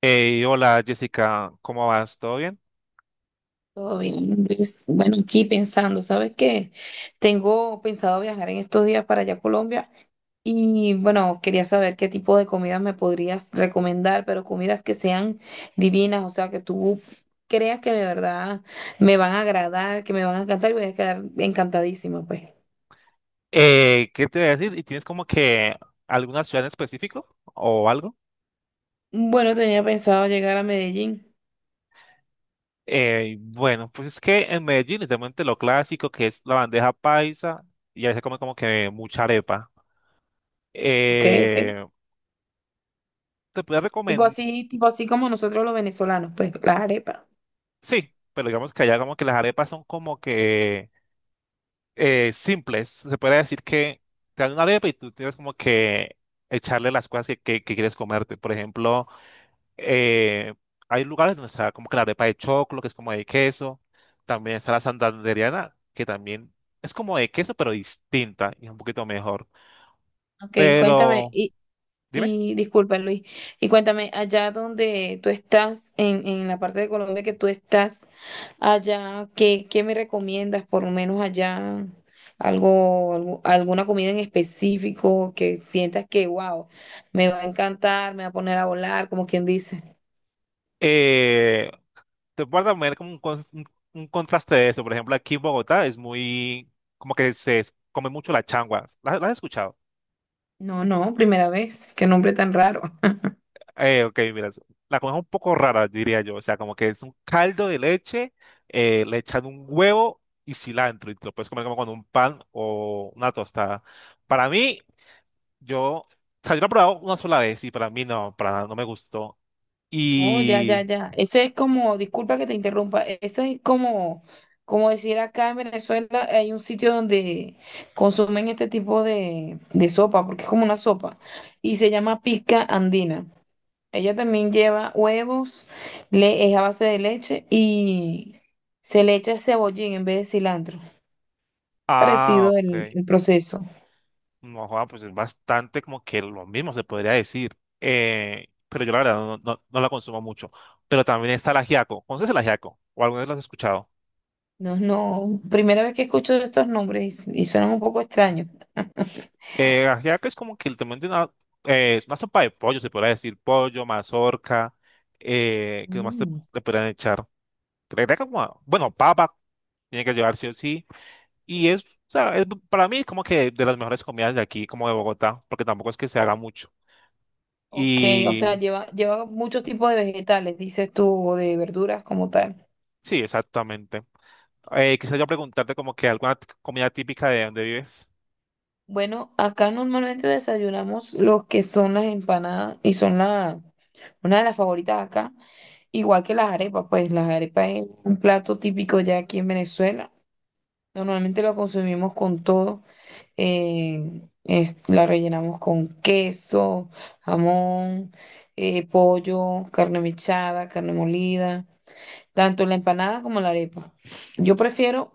Hey, hola Jessica, ¿cómo vas? ¿Todo bien? Todo bien, Luis. Bueno, aquí pensando, ¿sabes qué? Tengo pensado viajar en estos días para allá a Colombia y bueno, quería saber qué tipo de comidas me podrías recomendar, pero comidas que sean divinas, o sea, que tú creas que de verdad me van a agradar, que me van a encantar y voy a quedar encantadísima, pues. ¿Qué te voy a decir? ¿Y tienes como que alguna ciudad en específico o algo? Bueno, tenía pensado llegar a Medellín. Bueno, pues es que en Medellín literalmente lo clásico que es la bandeja paisa y ahí se come como que mucha arepa. Ok, ok. Eh, Te puedo Tipo recomendar, así, tipo así como nosotros los venezolanos, pues, las arepas. sí, pero digamos que allá como que las arepas son como que simples. Se puede decir que te dan una arepa y tú tienes como que echarle las cosas que quieres comerte. Por ejemplo eh, hay lugares donde está como que la arepa de choclo, que es como de queso. También está la santandereana, que también es como de queso, pero distinta y es un poquito mejor. Ok, cuéntame. Pero, dime, Y disculpa, Luis. Y cuéntame, allá donde tú estás, en la parte de Colombia que tú estás, allá, ¿qué me recomiendas? Por lo menos allá, alguna comida en específico que sientas que, wow, me va a encantar, me va a poner a volar, como quien dice. eh, te puedo también como un contraste de eso. Por ejemplo, aquí en Bogotá es muy, como que se come mucho la changua. ¿La has escuchado? No, no, primera vez, qué nombre tan raro. Ok, mira, la comida es un poco rara, diría yo. O sea, como que es un caldo de leche, le echan un huevo y cilantro y te lo puedes comer como con un pan o una tostada. Para mí, yo, o yo lo he probado una sola vez y para mí no, para nada, no me gustó. Oh, ya, ya, Y, ya. Ese es como, disculpa que te interrumpa, ese es como, como decir acá en Venezuela hay un sitio donde consumen este tipo de sopa, porque es como una sopa, y se llama pizca andina. Ella también lleva huevos, le, es a base de leche y se le echa cebollín en vez de cilantro. ah, Parecido el, ok. el proceso. No, joda, pues es bastante como que lo mismo se podría decir. Pero yo la verdad no la consumo mucho. Pero también está el ajiaco. ¿Conoces el ajiaco? ¿O alguna vez lo has escuchado? No, no, primera vez que escucho estos nombres y suenan un poco extraños. Ajiaco es como que literalmente es una sopa de pollo, se podría decir, pollo, mazorca, eh, ¿qué más te, Mm. ¿te podrían echar? Creo que como, bueno, papa, tiene que llevar sí o sí, y es, o sea, es- para mí es como que de las mejores comidas de aquí, como de Bogotá, porque tampoco es que se haga mucho. Ok, o sea, Y lleva muchos tipos de vegetales, dices tú, o de verduras como tal. sí, exactamente. Quisiera yo preguntarte como que alguna comida típica de donde vives. Bueno, acá normalmente desayunamos los que son las empanadas y son una de las favoritas acá, igual que las arepas, pues las arepas es un plato típico ya aquí en Venezuela. Normalmente lo consumimos con todo, la rellenamos con queso, jamón, pollo, carne mechada, carne molida. Tanto la empanada como la arepa. Yo prefiero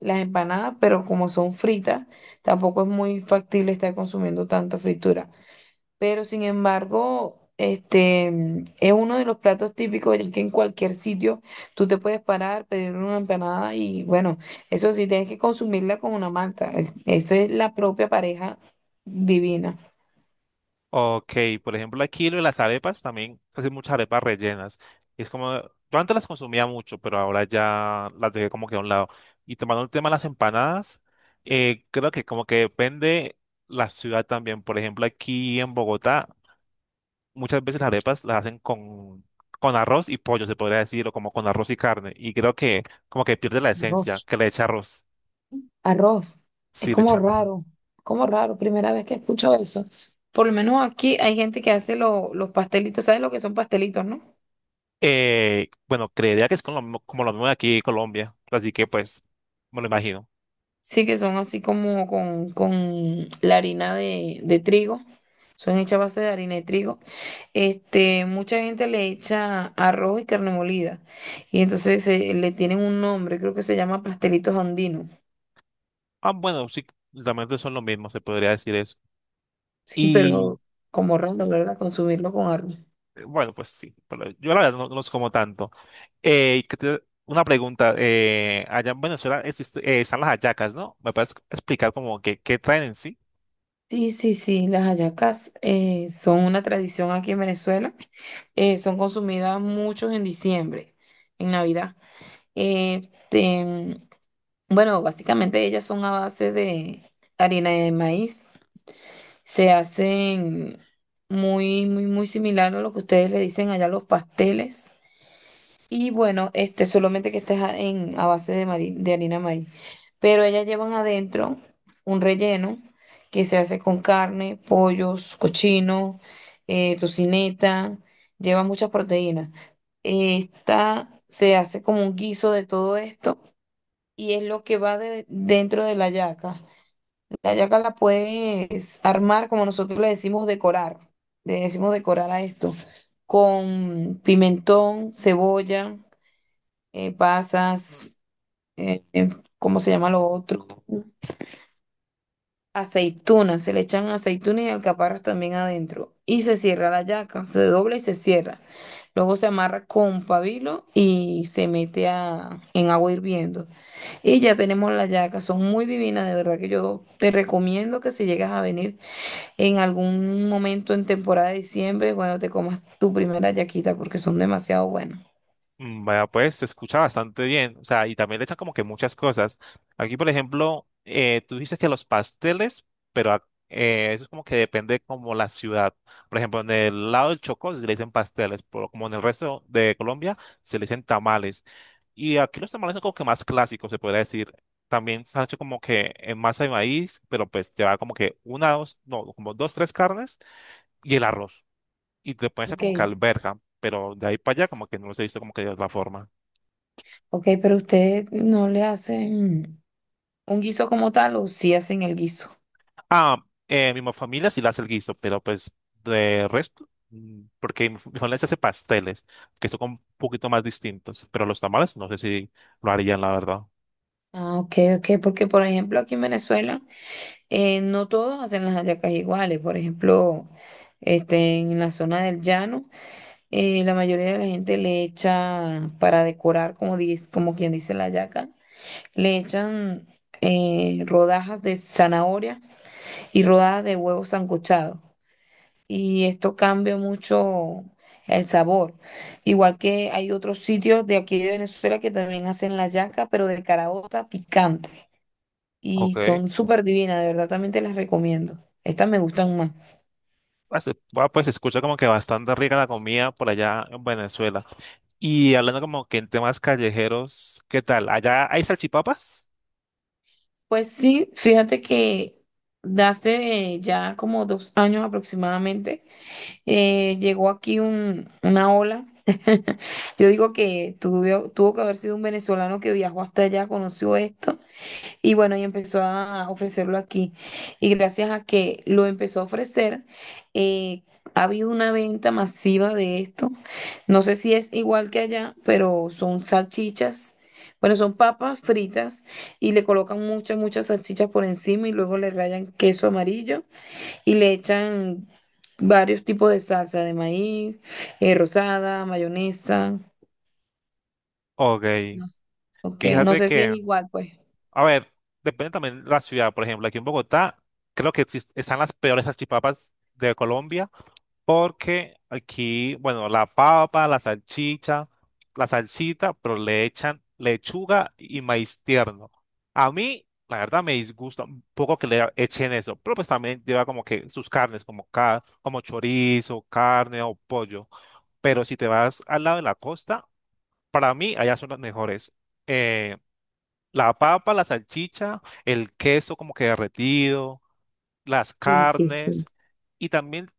las empanadas, pero como son fritas, tampoco es muy factible estar consumiendo tanta fritura. Pero sin embargo, este es uno de los platos típicos, ya que en cualquier sitio tú te puedes parar, pedir una empanada y bueno, eso sí, tienes que consumirla con una malta. Esa es la propia pareja divina. Ok, por ejemplo, aquí lo de las arepas también hacen muchas arepas rellenas. Es como, yo antes las consumía mucho, pero ahora ya las dejé como que a un lado. Y tomando el tema de las empanadas, creo que como que depende la ciudad también. Por ejemplo, aquí en Bogotá, muchas veces las arepas las hacen con arroz y pollo, se podría decir, o como con arroz y carne. Y creo que como que pierde la esencia, Dios. que le echa arroz. Arroz. Es Sí, le como echa arroz. raro, como raro. Primera vez que escucho eso. Por lo menos aquí hay gente que hace los pastelitos. ¿Sabes lo que son pastelitos, no? Bueno, creería que es con como lo mismo de aquí en Colombia, así que pues me lo imagino. Sí, que son así como con la harina de trigo. Son hechas a base de harina de trigo. Este, mucha gente le echa arroz y carne molida. Y entonces le tienen un nombre, creo que se llama pastelitos andinos. Ah, bueno, sí, realmente son lo mismo, se podría decir eso. Sí, Y pero como raro, ¿verdad? Consumirlo con arroz. Bueno, pues sí, pero yo la verdad no los como tanto. Eh, que te- una pregunta, allá en Venezuela están las hallacas, ¿no? ¿Me puedes explicar como que qué traen en sí? Sí, sí, sí, las hallacas son una tradición aquí en Venezuela. Son consumidas muchos en diciembre, en Navidad. Eh, te- bueno, básicamente ellas son a base de harina de maíz. Se hacen muy, muy, muy similar a lo que ustedes le dicen allá los pasteles. Y bueno, este, solamente que estés a, en, a base de harina maíz. Pero ellas llevan adentro un relleno que se hace con carne, pollos, cochino, tocineta, lleva muchas proteínas. Esta se hace como un guiso de todo esto y es lo que va dentro de la yaca. La yaca la puedes armar, como nosotros le decimos decorar a esto, con pimentón, cebolla pasas, eh, eh, ¿cómo se llama lo otro? Aceitunas, se le echan aceitunas y alcaparras también adentro. Y se cierra la yaca, se dobla y se cierra. Luego se amarra con pabilo y se mete a, en agua hirviendo. Y ya tenemos la yaca, son muy divinas, de verdad que yo te recomiendo que si llegas a venir en algún momento en temporada de diciembre, bueno, te comas tu primera yaquita porque son demasiado buenas. Mm, vaya, pues se escucha bastante bien, o sea, y también le echan como que muchas cosas. Aquí, por ejemplo, tú dices que los pasteles, pero eso es como que depende como la ciudad. Por ejemplo, en el lado del Chocó se le dicen pasteles, pero como en el resto de Colombia se le dicen tamales. Y aquí los tamales son como que más clásicos, se podría decir. También se ha hecho como que en masa de maíz, pero pues lleva como que una, dos, no, como dos, tres carnes y el arroz. Y te pueden hacer Ok, como que alberja, pero de ahí para allá como que no los he visto como que de otra forma. ok, pero usted no le hace. ¿Un guiso como tal o si hacen el guiso? Ah, mi familia sí la hace el guiso, pero pues de resto, mm, porque mi familia se hace pasteles, que son un poquito más distintos, pero los tamales no sé si lo harían, la verdad. Ah, ok, ok, porque por ejemplo aquí en Venezuela no todos hacen las hallacas iguales. Por ejemplo, este, en la zona del llano, la mayoría de la gente le echa para decorar, como, dice, como quien dice la hallaca, le echan rodajas de zanahoria y rodajas de huevo sancochado. Y esto cambia mucho el sabor. Igual que hay otros sitios de aquí de Venezuela que también hacen la yaca, pero de caraota picante. Y Ok. son súper divinas, de verdad también te las recomiendo. Estas me gustan más. Bueno, pues se escucha como que bastante rica la comida por allá en Venezuela. Y hablando como que en temas callejeros, ¿qué tal? ¿Allá hay salchipapas? Pues sí, fíjate que de hace ya como 2 años aproximadamente, llegó aquí una ola. Yo digo que tuvo que haber sido un venezolano que viajó hasta allá, conoció esto. Y bueno, y empezó a ofrecerlo aquí. Y gracias a que lo empezó a ofrecer, eh, ha habido una venta masiva de esto. No sé si es igual que allá, pero son salchichas. Bueno, son papas fritas y le colocan muchas, muchas salchichas por encima y luego le rayan queso amarillo y le echan varios tipos de salsa de maíz, rosada, mayonesa. Ok, No sé. Ok, no fíjate sé si es que, igual, pues. a ver, depende también de la ciudad. Por ejemplo, aquí en Bogotá, creo que están las peores salchipapas de Colombia. Porque aquí, bueno, la papa, la salchicha, la salsita, pero le echan lechuga y maíz tierno. A mí, la verdad, me disgusta un poco que le echen eso, pero pues también lleva como que sus carnes, como chorizo, carne o pollo. Pero si te vas al lado de la costa, para mí allá son las mejores. Eh, la papa, la salchicha, el queso como que derretido, las Sí, sí, carnes. Y también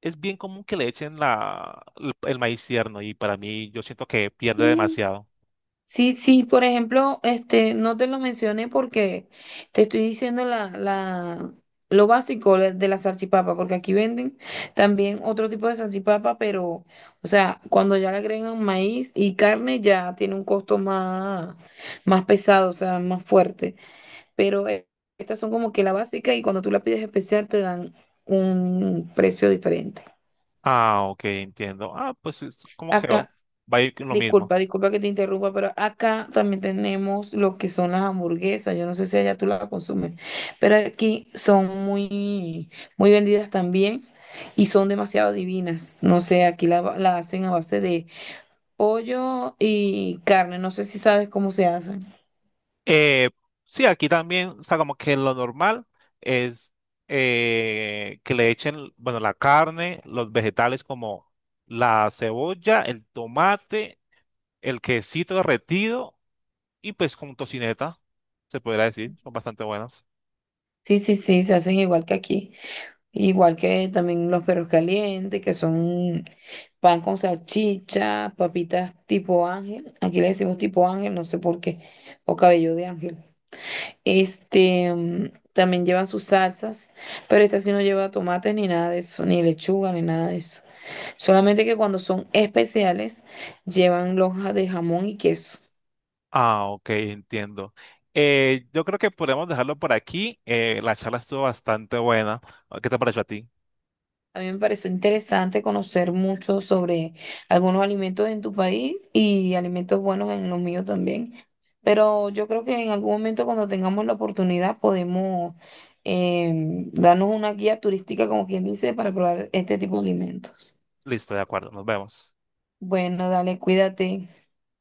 es bien común que le echen el maíz tierno y para mí yo siento que pierde sí. demasiado. Sí, sí, por ejemplo, este, no te lo mencioné porque te estoy diciendo lo básico de la salchipapa, porque aquí venden también otro tipo de salchipapa, pero, o sea, cuando ya le agregan maíz y carne, ya tiene un costo más, más pesado, o sea, más fuerte. Pero estas son como que la básica y cuando tú la pides especial te dan un precio diferente. Ah, ok, entiendo. Ah, pues es como que oh, Acá. va a ir con lo mismo. Disculpa, disculpa que te interrumpa, pero acá también tenemos lo que son las hamburguesas. Yo no sé si allá tú las consumes, pero aquí son muy, muy vendidas también y son demasiado divinas. No sé, aquí la hacen a base de pollo y carne. No sé si sabes cómo se hacen. Eh, sí, aquí también, o sea, como que lo normal es que le echen, bueno, la carne, los vegetales como la cebolla, el tomate, el quesito derretido y pues con tocineta, se podría decir, son bastante buenas. Sí, sí, sí, se hacen igual que aquí. Igual que también los perros calientes, que son pan con salchicha, papitas tipo ángel. Aquí le decimos tipo ángel, no sé por qué. O cabello de ángel. Este, también llevan sus salsas, pero esta sí no lleva tomates ni nada de eso, ni lechuga, ni nada de eso. Solamente que cuando son especiales, llevan lonjas de jamón y queso. Ah, ok, entiendo. Yo creo que podemos dejarlo por aquí. La charla estuvo bastante buena. ¿Qué te pareció a ti? A mí me pareció interesante conocer mucho sobre algunos alimentos en tu país y alimentos buenos en los míos también. Pero yo creo que en algún momento cuando tengamos la oportunidad podemos darnos una guía turística, como quien dice, para probar este tipo de alimentos. Listo, de acuerdo, nos vemos. Bueno, dale, cuídate.